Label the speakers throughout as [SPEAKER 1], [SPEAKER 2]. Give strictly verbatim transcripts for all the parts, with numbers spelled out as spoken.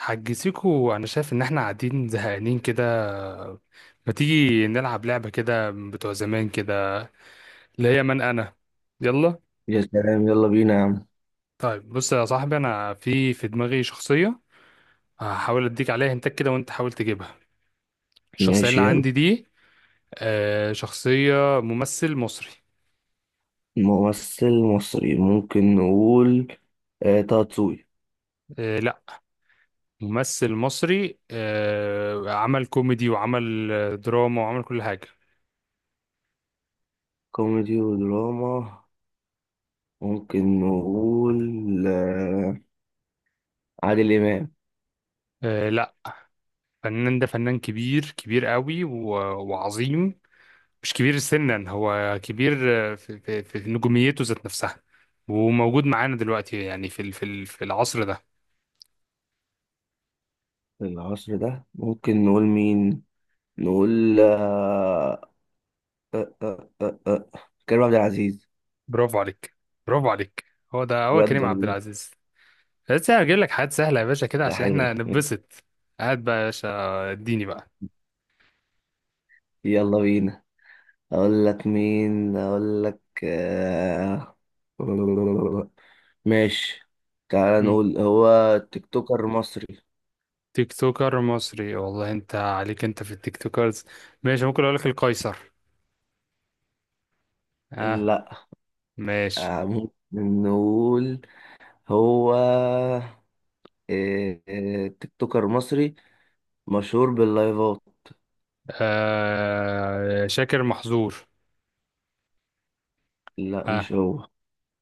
[SPEAKER 1] حجزيكو انا شايف ان احنا قاعدين زهقانين كده. ما تيجي نلعب لعبة كده بتوع زمان كده؟ اللي هي من انا. يلا.
[SPEAKER 2] يا سلام، يلا بينا يا عم.
[SPEAKER 1] طيب بص يا صاحبي، انا في في دماغي شخصية، هحاول اديك عليها هنتك كده وانت حاول تجيبها الشخصية اللي
[SPEAKER 2] ماشي، يلا.
[SPEAKER 1] عندي دي. آه، شخصية ممثل مصري.
[SPEAKER 2] ممثل مصري، ممكن نقول آه طه دسوقي.
[SPEAKER 1] آه، لا، ممثل مصري، آه، عمل كوميدي وعمل آه، دراما وعمل كل حاجة.
[SPEAKER 2] كوميدي ودراما، ممكن نقول آه عادل إمام.
[SPEAKER 1] آه، لا، فنان، ده فنان كبير كبير قوي و- وعظيم. مش كبير سنا، هو كبير في, في, في نجوميته ذات نفسها. وموجود معانا دلوقتي يعني في ال- في ال- في العصر ده.
[SPEAKER 2] في العصر ده ممكن نقول مين؟ نقول آه آه آه كريم عبد العزيز.
[SPEAKER 1] برافو عليك، برافو عليك، هو ده، هو
[SPEAKER 2] بجد
[SPEAKER 1] كريم عبد
[SPEAKER 2] والله.
[SPEAKER 1] العزيز. بس انا هجيب لك حاجات سهله يا باشا كده
[SPEAKER 2] ده
[SPEAKER 1] عشان
[SPEAKER 2] حلو،
[SPEAKER 1] احنا
[SPEAKER 2] ده ماشي.
[SPEAKER 1] نتبسط. هات بقى يا باشا، اديني بقى.
[SPEAKER 2] يلا بينا. أقول لك مين، أقول لك آه ماشي. تعال
[SPEAKER 1] مم.
[SPEAKER 2] نقول هو تيك توكر مصري.
[SPEAKER 1] تيك توكر مصري؟ والله انت عليك، انت في التيك توكرز. ماشي، ممكن اقول لك القيصر. اه،
[SPEAKER 2] لا.
[SPEAKER 1] ماشي.
[SPEAKER 2] آه، ممكن نقول هو إيه، إيه، تيك توكر مصري مشهور باللايفات.
[SPEAKER 1] آه، شاكر محظور.
[SPEAKER 2] لا،
[SPEAKER 1] اه،
[SPEAKER 2] مش هو.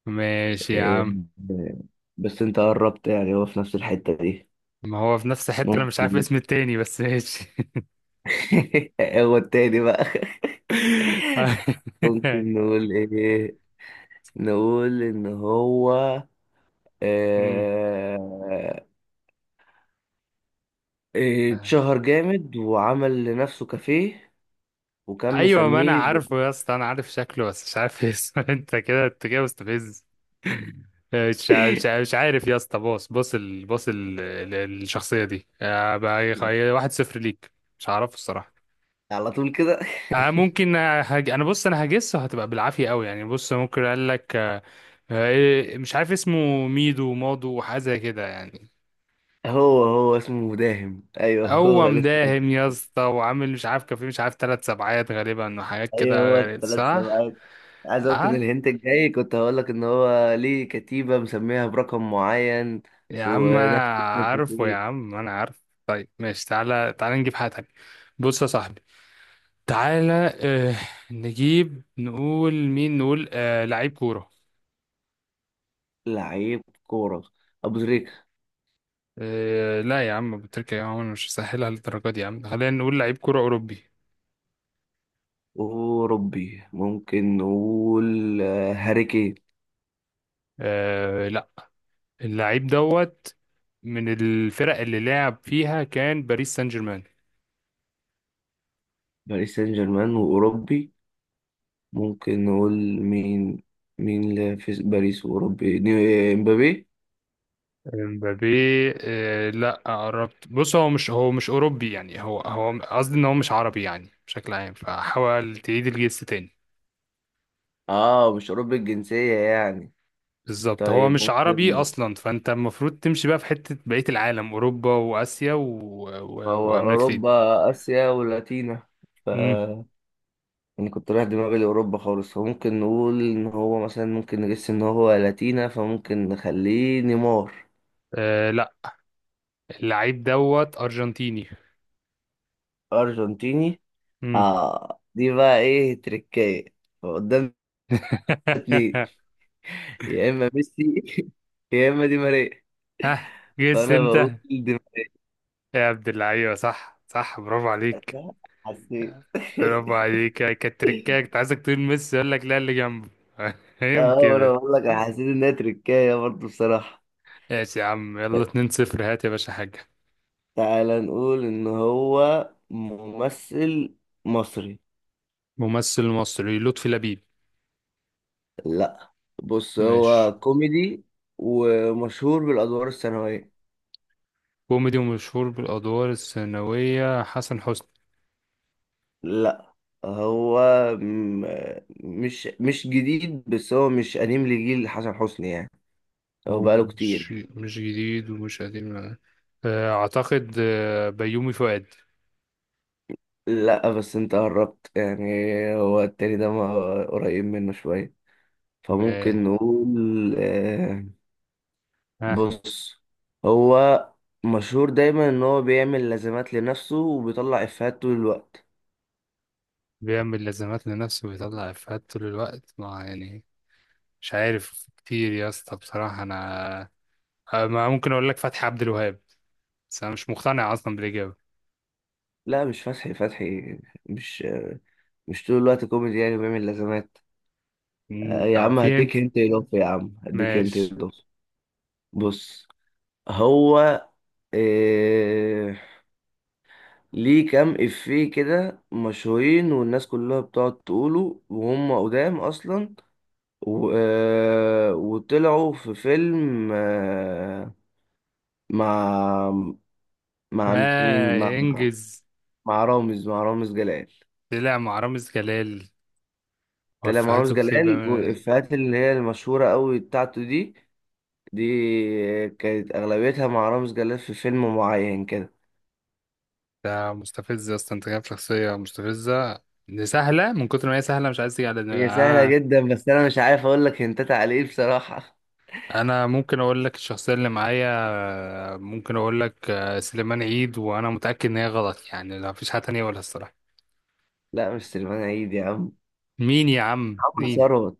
[SPEAKER 1] ماشي يا
[SPEAKER 2] إيه،
[SPEAKER 1] عم.
[SPEAKER 2] إيه، بس انت قربت، يعني هو في نفس الحتة دي.
[SPEAKER 1] ما هو في نفس الحتة، انا مش عارف
[SPEAKER 2] ممكن.
[SPEAKER 1] اسم التاني بس ماشي.
[SPEAKER 2] هو التاني بقى. ممكن نقول ايه، نقول ان هو
[SPEAKER 1] أمم.
[SPEAKER 2] آه، إيه، اتشهر جامد وعمل لنفسه كافيه وكان
[SPEAKER 1] ايوه ما انا
[SPEAKER 2] مسميه ب...
[SPEAKER 1] عارفه يا اسطى، انا عارف شكله بس مش عارف اسمه. انت كده انت كده مستفز. مش ع- مش ع- مش عارف يا اسطى. بص بص ال... بص ال... ال- الشخصية دي، آه، بقى خي- واحد صفر ليك. مش هعرفه الصراحة.
[SPEAKER 2] على طول كده.
[SPEAKER 1] آه، ممكن، آه، هج... انا بص انا هجسه هتبقى بالعافية قوي يعني. بص ممكن اقول لك آه، آه، إيه- مش عارف اسمه، ميدو مادو وحاجة زي كده يعني.
[SPEAKER 2] هو هو اسمه مداهم، ايوه. هو
[SPEAKER 1] هو
[SPEAKER 2] لسه
[SPEAKER 1] مداهم
[SPEAKER 2] قصدك.
[SPEAKER 1] يا اسطى، وعامل مش عارف كان في، مش عارف، ثلاث سبعات غالبا وحاجات
[SPEAKER 2] ايوه هو
[SPEAKER 1] كده غريب
[SPEAKER 2] الثلاث
[SPEAKER 1] صح؟
[SPEAKER 2] سمعات. عايز اقول لك ان
[SPEAKER 1] اه
[SPEAKER 2] الهنت الجاي كنت هقول لك ان هو ليه كتيبة مسميها برقم معين
[SPEAKER 1] يا عم
[SPEAKER 2] ونفس
[SPEAKER 1] انا
[SPEAKER 2] اسم
[SPEAKER 1] عارفه، يا
[SPEAKER 2] الكتيبة.
[SPEAKER 1] عم انا عارف. طيب ماشي، تعالى تعالى نجيب حاجة تانية. بص يا صاحبي، تعالى. آه، نجيب نقول مين؟ نقول آه، لعيب كورة.
[SPEAKER 2] لعيب كورة. ابو تريكة.
[SPEAKER 1] آه لا، يا عم أبو تريكة، يا عم أنا مش هسهلها للدرجة دي يا عم. خلينا نقول لعيب كورة أوروبي.
[SPEAKER 2] اوروبي، ممكن نقول آه، هاري كين.
[SPEAKER 1] آه لا، اللعيب دوت من الفرق اللي لعب فيها كان باريس سان جيرمان.
[SPEAKER 2] باريس سان جيرمان واوروبي، ممكن نقول مين؟ مين اللي في باريس واوروبي؟ ني- امبابي.
[SPEAKER 1] امبابي؟ آه، لا، قربت. بص هو مش هو مش اوروبي يعني، هو هو قصدي ان هو مش عربي يعني بشكل عام، فحاول تعيد الجس تاني.
[SPEAKER 2] اه، مش اوروبي الجنسية يعني.
[SPEAKER 1] بالظبط، هو
[SPEAKER 2] طيب،
[SPEAKER 1] مش عربي
[SPEAKER 2] ممكن.
[SPEAKER 1] اصلا، فانت المفروض تمشي بقى في حتة بقية العالم، اوروبا واسيا و...
[SPEAKER 2] ما
[SPEAKER 1] و...
[SPEAKER 2] هو
[SPEAKER 1] وامريكتين.
[SPEAKER 2] أوروبا، آسيا ولاتينا. ف
[SPEAKER 1] امم.
[SPEAKER 2] يعني كنت رايح دماغي لأوروبا خالص، فممكن نقول إن هو مثلا، ممكن نجس إن هو لاتينا، فممكن نخليه نيمار.
[SPEAKER 1] آه لا، اللعيب دوت ارجنتيني.
[SPEAKER 2] أرجنتيني.
[SPEAKER 1] امم.
[SPEAKER 2] آه دي بقى إيه؟ تركاية. فقدامنا اتنين. يا إما ميسي، يا إما دي ماريا.
[SPEAKER 1] ها، جس
[SPEAKER 2] فأنا بقول
[SPEAKER 1] انت.
[SPEAKER 2] دي
[SPEAKER 1] يا عبد اللعيبة، صح صح، برافو عليك،
[SPEAKER 2] ماريا، حسيت.
[SPEAKER 1] برافو عليك. يعني كانت تركاية، كنت عايزك تقول ميسي يقول لك لا اللي جنبه. فاهم
[SPEAKER 2] اه، انا
[SPEAKER 1] كده؟
[SPEAKER 2] بقول لك أنا حسيت انها تركايه برضه بصراحه.
[SPEAKER 1] ماشي يا عم، يلا اتنين صفر. هات يا باشا حاجة.
[SPEAKER 2] تعالى نقول ان هو ممثل مصري.
[SPEAKER 1] ممثل مصري، لطفي لبيب؟
[SPEAKER 2] لا، بص
[SPEAKER 1] ماشي،
[SPEAKER 2] هو كوميدي ومشهور بالادوار الثانويه.
[SPEAKER 1] كوميدي ومشهور بالأدوار الثانوية، حسن حسني.
[SPEAKER 2] لا، هو م- مش مش جديد، بس هو مش قديم لجيل حسن حسني يعني، هو
[SPEAKER 1] هو
[SPEAKER 2] بقاله كتير
[SPEAKER 1] مش
[SPEAKER 2] يعني.
[SPEAKER 1] مش جديد ومش قديم، آه، أعتقد آه، بيومي فؤاد.
[SPEAKER 2] لا بس انت قربت يعني، هو التاني ده ما- قريب منه شويه،
[SPEAKER 1] ماشي،
[SPEAKER 2] فممكن نقول آه،
[SPEAKER 1] ها.
[SPEAKER 2] بص، هو مشهور دايما ان هو بيعمل لازمات لنفسه وبيطلع افيهات طول الوقت.
[SPEAKER 1] بيعمل لازمات لنفسه ويطلع إفيهات طول الوقت، ما يعني مش عارف كتير يا اسطى بصراحة أنا. آه، ما ممكن اقول لك فتحي عبد الوهاب، بس انا مش مقتنع اصلا بالاجابه.
[SPEAKER 2] لا، مش فتحي. فتحي مش مش طول الوقت كوميدي يعني، بيعمل لازمات. آه،
[SPEAKER 1] مم،
[SPEAKER 2] يا
[SPEAKER 1] طب
[SPEAKER 2] عم
[SPEAKER 1] في انت.
[SPEAKER 2] هديك انت اضافه، يا عم هديك انت
[SPEAKER 1] ماشي.
[SPEAKER 2] اضافه. بص هو إيه ليه كام افيه كده مشهورين والناس كلها بتقعد تقوله وهم قدام اصلا، و... آه، وطلعوا في فيلم آه، مع مع مين؟ مع
[SPEAKER 1] اه، انجز.
[SPEAKER 2] مع رامز مع رامز جلال.
[SPEAKER 1] طلع مع رامز جلال
[SPEAKER 2] طلع مع رامز
[SPEAKER 1] وفهاته كتير
[SPEAKER 2] جلال،
[SPEAKER 1] بيعمل.
[SPEAKER 2] والإفيهات اللي هي المشهورة قوي بتاعته دي، دي كانت أغلبيتها مع رامز جلال في فيلم معين كده.
[SPEAKER 1] ده مستفز اصلا، انت جايب شخصيه مستفزه، دي سهله من كتر ما هي سهله مش عايز تيجي على دماغي
[SPEAKER 2] هي سهلة
[SPEAKER 1] آه.
[SPEAKER 2] جدا، بس أنا مش عارف أقول لك هنتات على إيه بصراحة.
[SPEAKER 1] انا ممكن اقول لك الشخصيه اللي معايا. آه، ممكن اقول لك آه، سليمان عيد، وانا متاكد ان هي غلط يعني، لا مفيش حاجه تانية اقولها الصراحه.
[SPEAKER 2] لا مش سليمان عيد يا عم.
[SPEAKER 1] مين يا عم
[SPEAKER 2] محمد
[SPEAKER 1] مين؟
[SPEAKER 2] ثروت.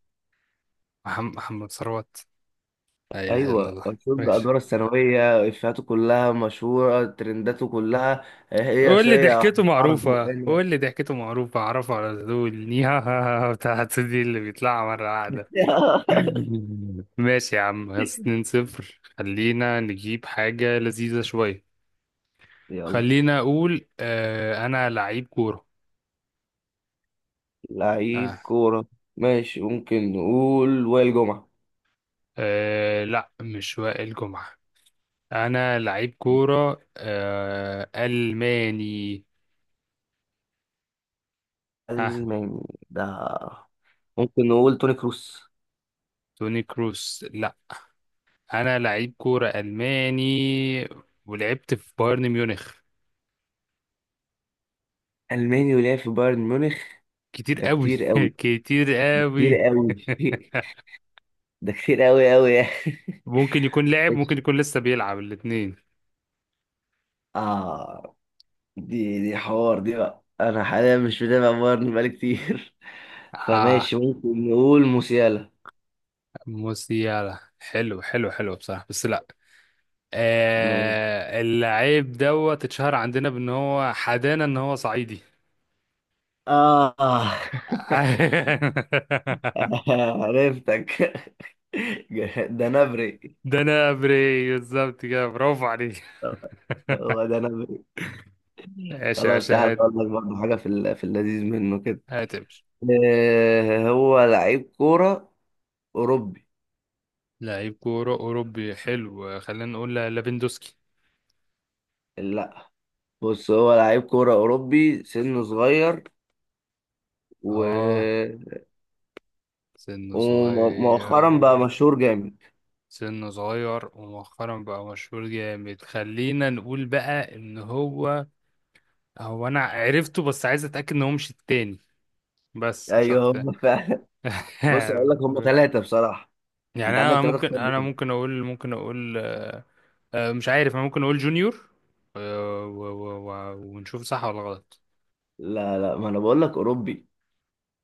[SPEAKER 1] محم- محمد ثروت. لا اله الا
[SPEAKER 2] أيوة،
[SPEAKER 1] الله.
[SPEAKER 2] مشهور
[SPEAKER 1] ماشي.
[SPEAKER 2] بأدواره الثانوية، إفيهاته كلها مشهورة، ترنداته كلها. هي
[SPEAKER 1] قول لي
[SPEAKER 2] صية
[SPEAKER 1] ضحكته
[SPEAKER 2] وحرف
[SPEAKER 1] معروفة،
[SPEAKER 2] بقنا.
[SPEAKER 1] قول لي ضحكته معروفة أعرفه على طول. نيها ها ها بتاعت دي اللي بيطلعها مرة واحدة. ماشي يا عم، بس اتنين صفر. خلينا نجيب حاجة لذيذة شوية.
[SPEAKER 2] يلا.
[SPEAKER 1] خلينا أقول آه، أنا لعيب كورة.
[SPEAKER 2] لعيب
[SPEAKER 1] آه.
[SPEAKER 2] كورة. ماشي، ممكن نقول وائل جمعة.
[SPEAKER 1] آه لا، مش وائل جمعة. أنا لعيب كورة آه، ألماني. ها.
[SPEAKER 2] ألماني؟ ده ممكن نقول توني كروس.
[SPEAKER 1] توني كروس؟ لا. أنا لعيب كورة ألماني ولعبت في بايرن ميونخ.
[SPEAKER 2] ألماني ولعب في بايرن ميونخ.
[SPEAKER 1] كتير
[SPEAKER 2] ده
[SPEAKER 1] قوي.
[SPEAKER 2] كتير قوي
[SPEAKER 1] كتير
[SPEAKER 2] كتير
[SPEAKER 1] قوي.
[SPEAKER 2] قوي. ده كتير قوي قوي يعني.
[SPEAKER 1] ممكن يكون لعب، ممكن
[SPEAKER 2] ماشي.
[SPEAKER 1] يكون لسه بيلعب، الاثنين.
[SPEAKER 2] آه دي دي حوار دي بقى، أنا حاليا مش متابع بايرن بقالي كتير.
[SPEAKER 1] اه.
[SPEAKER 2] فماشي، ممكن نقول موسيالا.
[SPEAKER 1] موسيالا؟ حلو حلو حلو بصراحة، بس لا.
[SPEAKER 2] م-
[SPEAKER 1] آه، اللعيب دوت اتشهر عندنا بان هو حدانا، ان هو صعيدي.
[SPEAKER 2] آه عرفتك. ده نبري.
[SPEAKER 1] ده انا بري بالظبط كده، برافو عليك.
[SPEAKER 2] هو ده.
[SPEAKER 1] ايش يا
[SPEAKER 2] خلاص،
[SPEAKER 1] باشا،
[SPEAKER 2] تعال
[SPEAKER 1] هات.
[SPEAKER 2] اقول لك برضه حاجه في ال- في اللذيذ منه كده.
[SPEAKER 1] هاتمش.
[SPEAKER 2] آه، هو لعيب كوره اوروبي.
[SPEAKER 1] لعيب كورة أوروبي، حلو. خلينا نقول ليفاندوسكي.
[SPEAKER 2] لا، بص هو لعيب كوره اوروبي، سنه صغير، و...
[SPEAKER 1] اه، سنه
[SPEAKER 2] ومؤخرا بقى
[SPEAKER 1] صغير.
[SPEAKER 2] مشهور جامد.
[SPEAKER 1] سنه صغير ومؤخرا بقى مشهور جامد. خلينا نقول بقى ان هو، هو انا عرفته بس عايز اتاكد ان هو مش التاني بس مش
[SPEAKER 2] ايوه
[SPEAKER 1] اكتر.
[SPEAKER 2] هم فعلا. بص اقول لك، هم ثلاثه بصراحه،
[SPEAKER 1] يعني
[SPEAKER 2] انت عندك
[SPEAKER 1] انا
[SPEAKER 2] ثلاثه
[SPEAKER 1] ممكن
[SPEAKER 2] اختار
[SPEAKER 1] انا
[SPEAKER 2] بينهم.
[SPEAKER 1] ممكن اقول ممكن اقول آه، آه، مش عارف. انا ممكن اقول جونيور، آه، و- و- و- ونشوف صح ولا غلط.
[SPEAKER 2] لا لا، ما انا بقول لك اوروبي.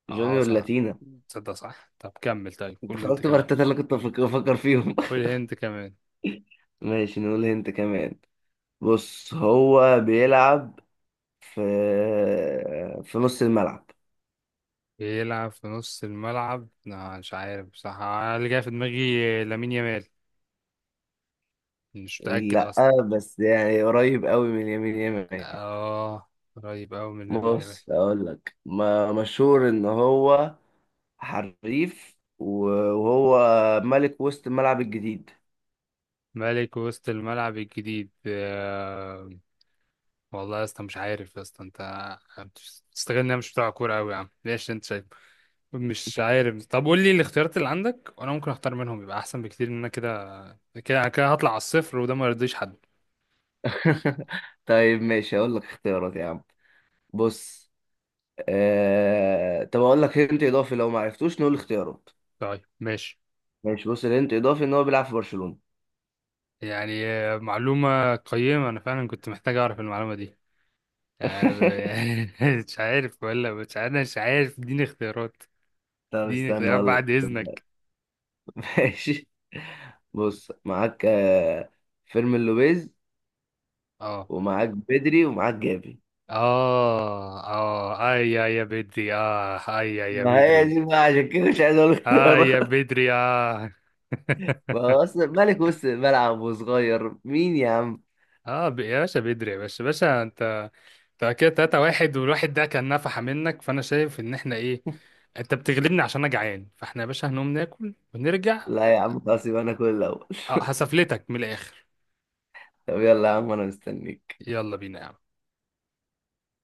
[SPEAKER 1] اه،
[SPEAKER 2] جونيور
[SPEAKER 1] صح.
[SPEAKER 2] لاتينا.
[SPEAKER 1] تصدق صح؟ طب كمل، طيب
[SPEAKER 2] انت
[SPEAKER 1] قول انت
[SPEAKER 2] خرجت بره
[SPEAKER 1] كمان.
[SPEAKER 2] الثلاثه اللي كنت بفكر بفكر فيهم.
[SPEAKER 1] قول انت كمان.
[SPEAKER 2] ماشي، نقول هنت كمان. بص هو بيلعب في في نص الملعب.
[SPEAKER 1] بيلعب في نص الملعب؟ لا مش عارف بصراحة أنا، اللي جاي في دماغي لامين يامال، مش متأكد
[SPEAKER 2] لا
[SPEAKER 1] أصلا.
[SPEAKER 2] بس يعني قريب قوي من اليمين، يمين.
[SPEAKER 1] آه، قريب أوي من لامين يامال.
[SPEAKER 2] بص اقول لك، ما مشهور ان هو حريف، وهو ملك وسط الملعب الجديد.
[SPEAKER 1] ملك وسط الملعب الجديد؟ آه، والله يا اسطى مش عارف يا اسطى، أنت تستغل إن أنا مش بتاع كورة أوي يا عم، ليش أنت شايف؟ مش عارف. طب قول لي الاختيارات اللي عندك وأنا ممكن أختار منهم، يبقى أحسن بكتير، إن أنا كده كده كده هطلع على الصفر وده ما يرضيش حد.
[SPEAKER 2] طيب ماشي، اقول لك اختيارات يا عم. بص، آه... طب اقول لك هنت اضافي، لو ما عرفتوش نقول اختيارات.
[SPEAKER 1] طيب ماشي.
[SPEAKER 2] ماشي، بص الهنت اضافي ان هو بيلعب في برشلونة.
[SPEAKER 1] يعني آه، معلومة قيمة، أنا فعلا كنت محتاج أعرف المعلومة دي، آه، مش عارف ولا مش عارف، مش عارف، اديني اختيارات.
[SPEAKER 2] طب
[SPEAKER 1] اديني
[SPEAKER 2] استنى
[SPEAKER 1] اختيارات
[SPEAKER 2] اقول
[SPEAKER 1] بعد
[SPEAKER 2] لك.
[SPEAKER 1] اذنك.
[SPEAKER 2] ماشي، بص معاك آه، فيرمين لوبيز،
[SPEAKER 1] اه،
[SPEAKER 2] ومعاك بدري، ومعاك جافي.
[SPEAKER 1] اه، اه، اي يا يا بدري، اه، اي يا يا
[SPEAKER 2] ما هي
[SPEAKER 1] بدري.
[SPEAKER 2] دي بقى عشان كده مش عايز اقول لك
[SPEAKER 1] اه يا
[SPEAKER 2] خيارات.
[SPEAKER 1] بدري اه.
[SPEAKER 2] ما هو اصلا ملك وسط الملعب وصغير، مين يا عم؟
[SPEAKER 1] اه، ب- يا باشا بدري، يا باشا، باشا انت. انت كده تلاتة واحد والواحد ده كان نفحة منك، فانا شايف ان احنا ايه، انت بتغلبني عشان انا جعان، فاحنا يا باشا هنقوم ناكل ونرجع.
[SPEAKER 2] لا يا عم، خلاص، يبقى انا كل الاول.
[SPEAKER 1] آه، هسفلتك من الاخر.
[SPEAKER 2] طب يلا يا عم، انا مستنيك.
[SPEAKER 1] يلا بينا يا عم.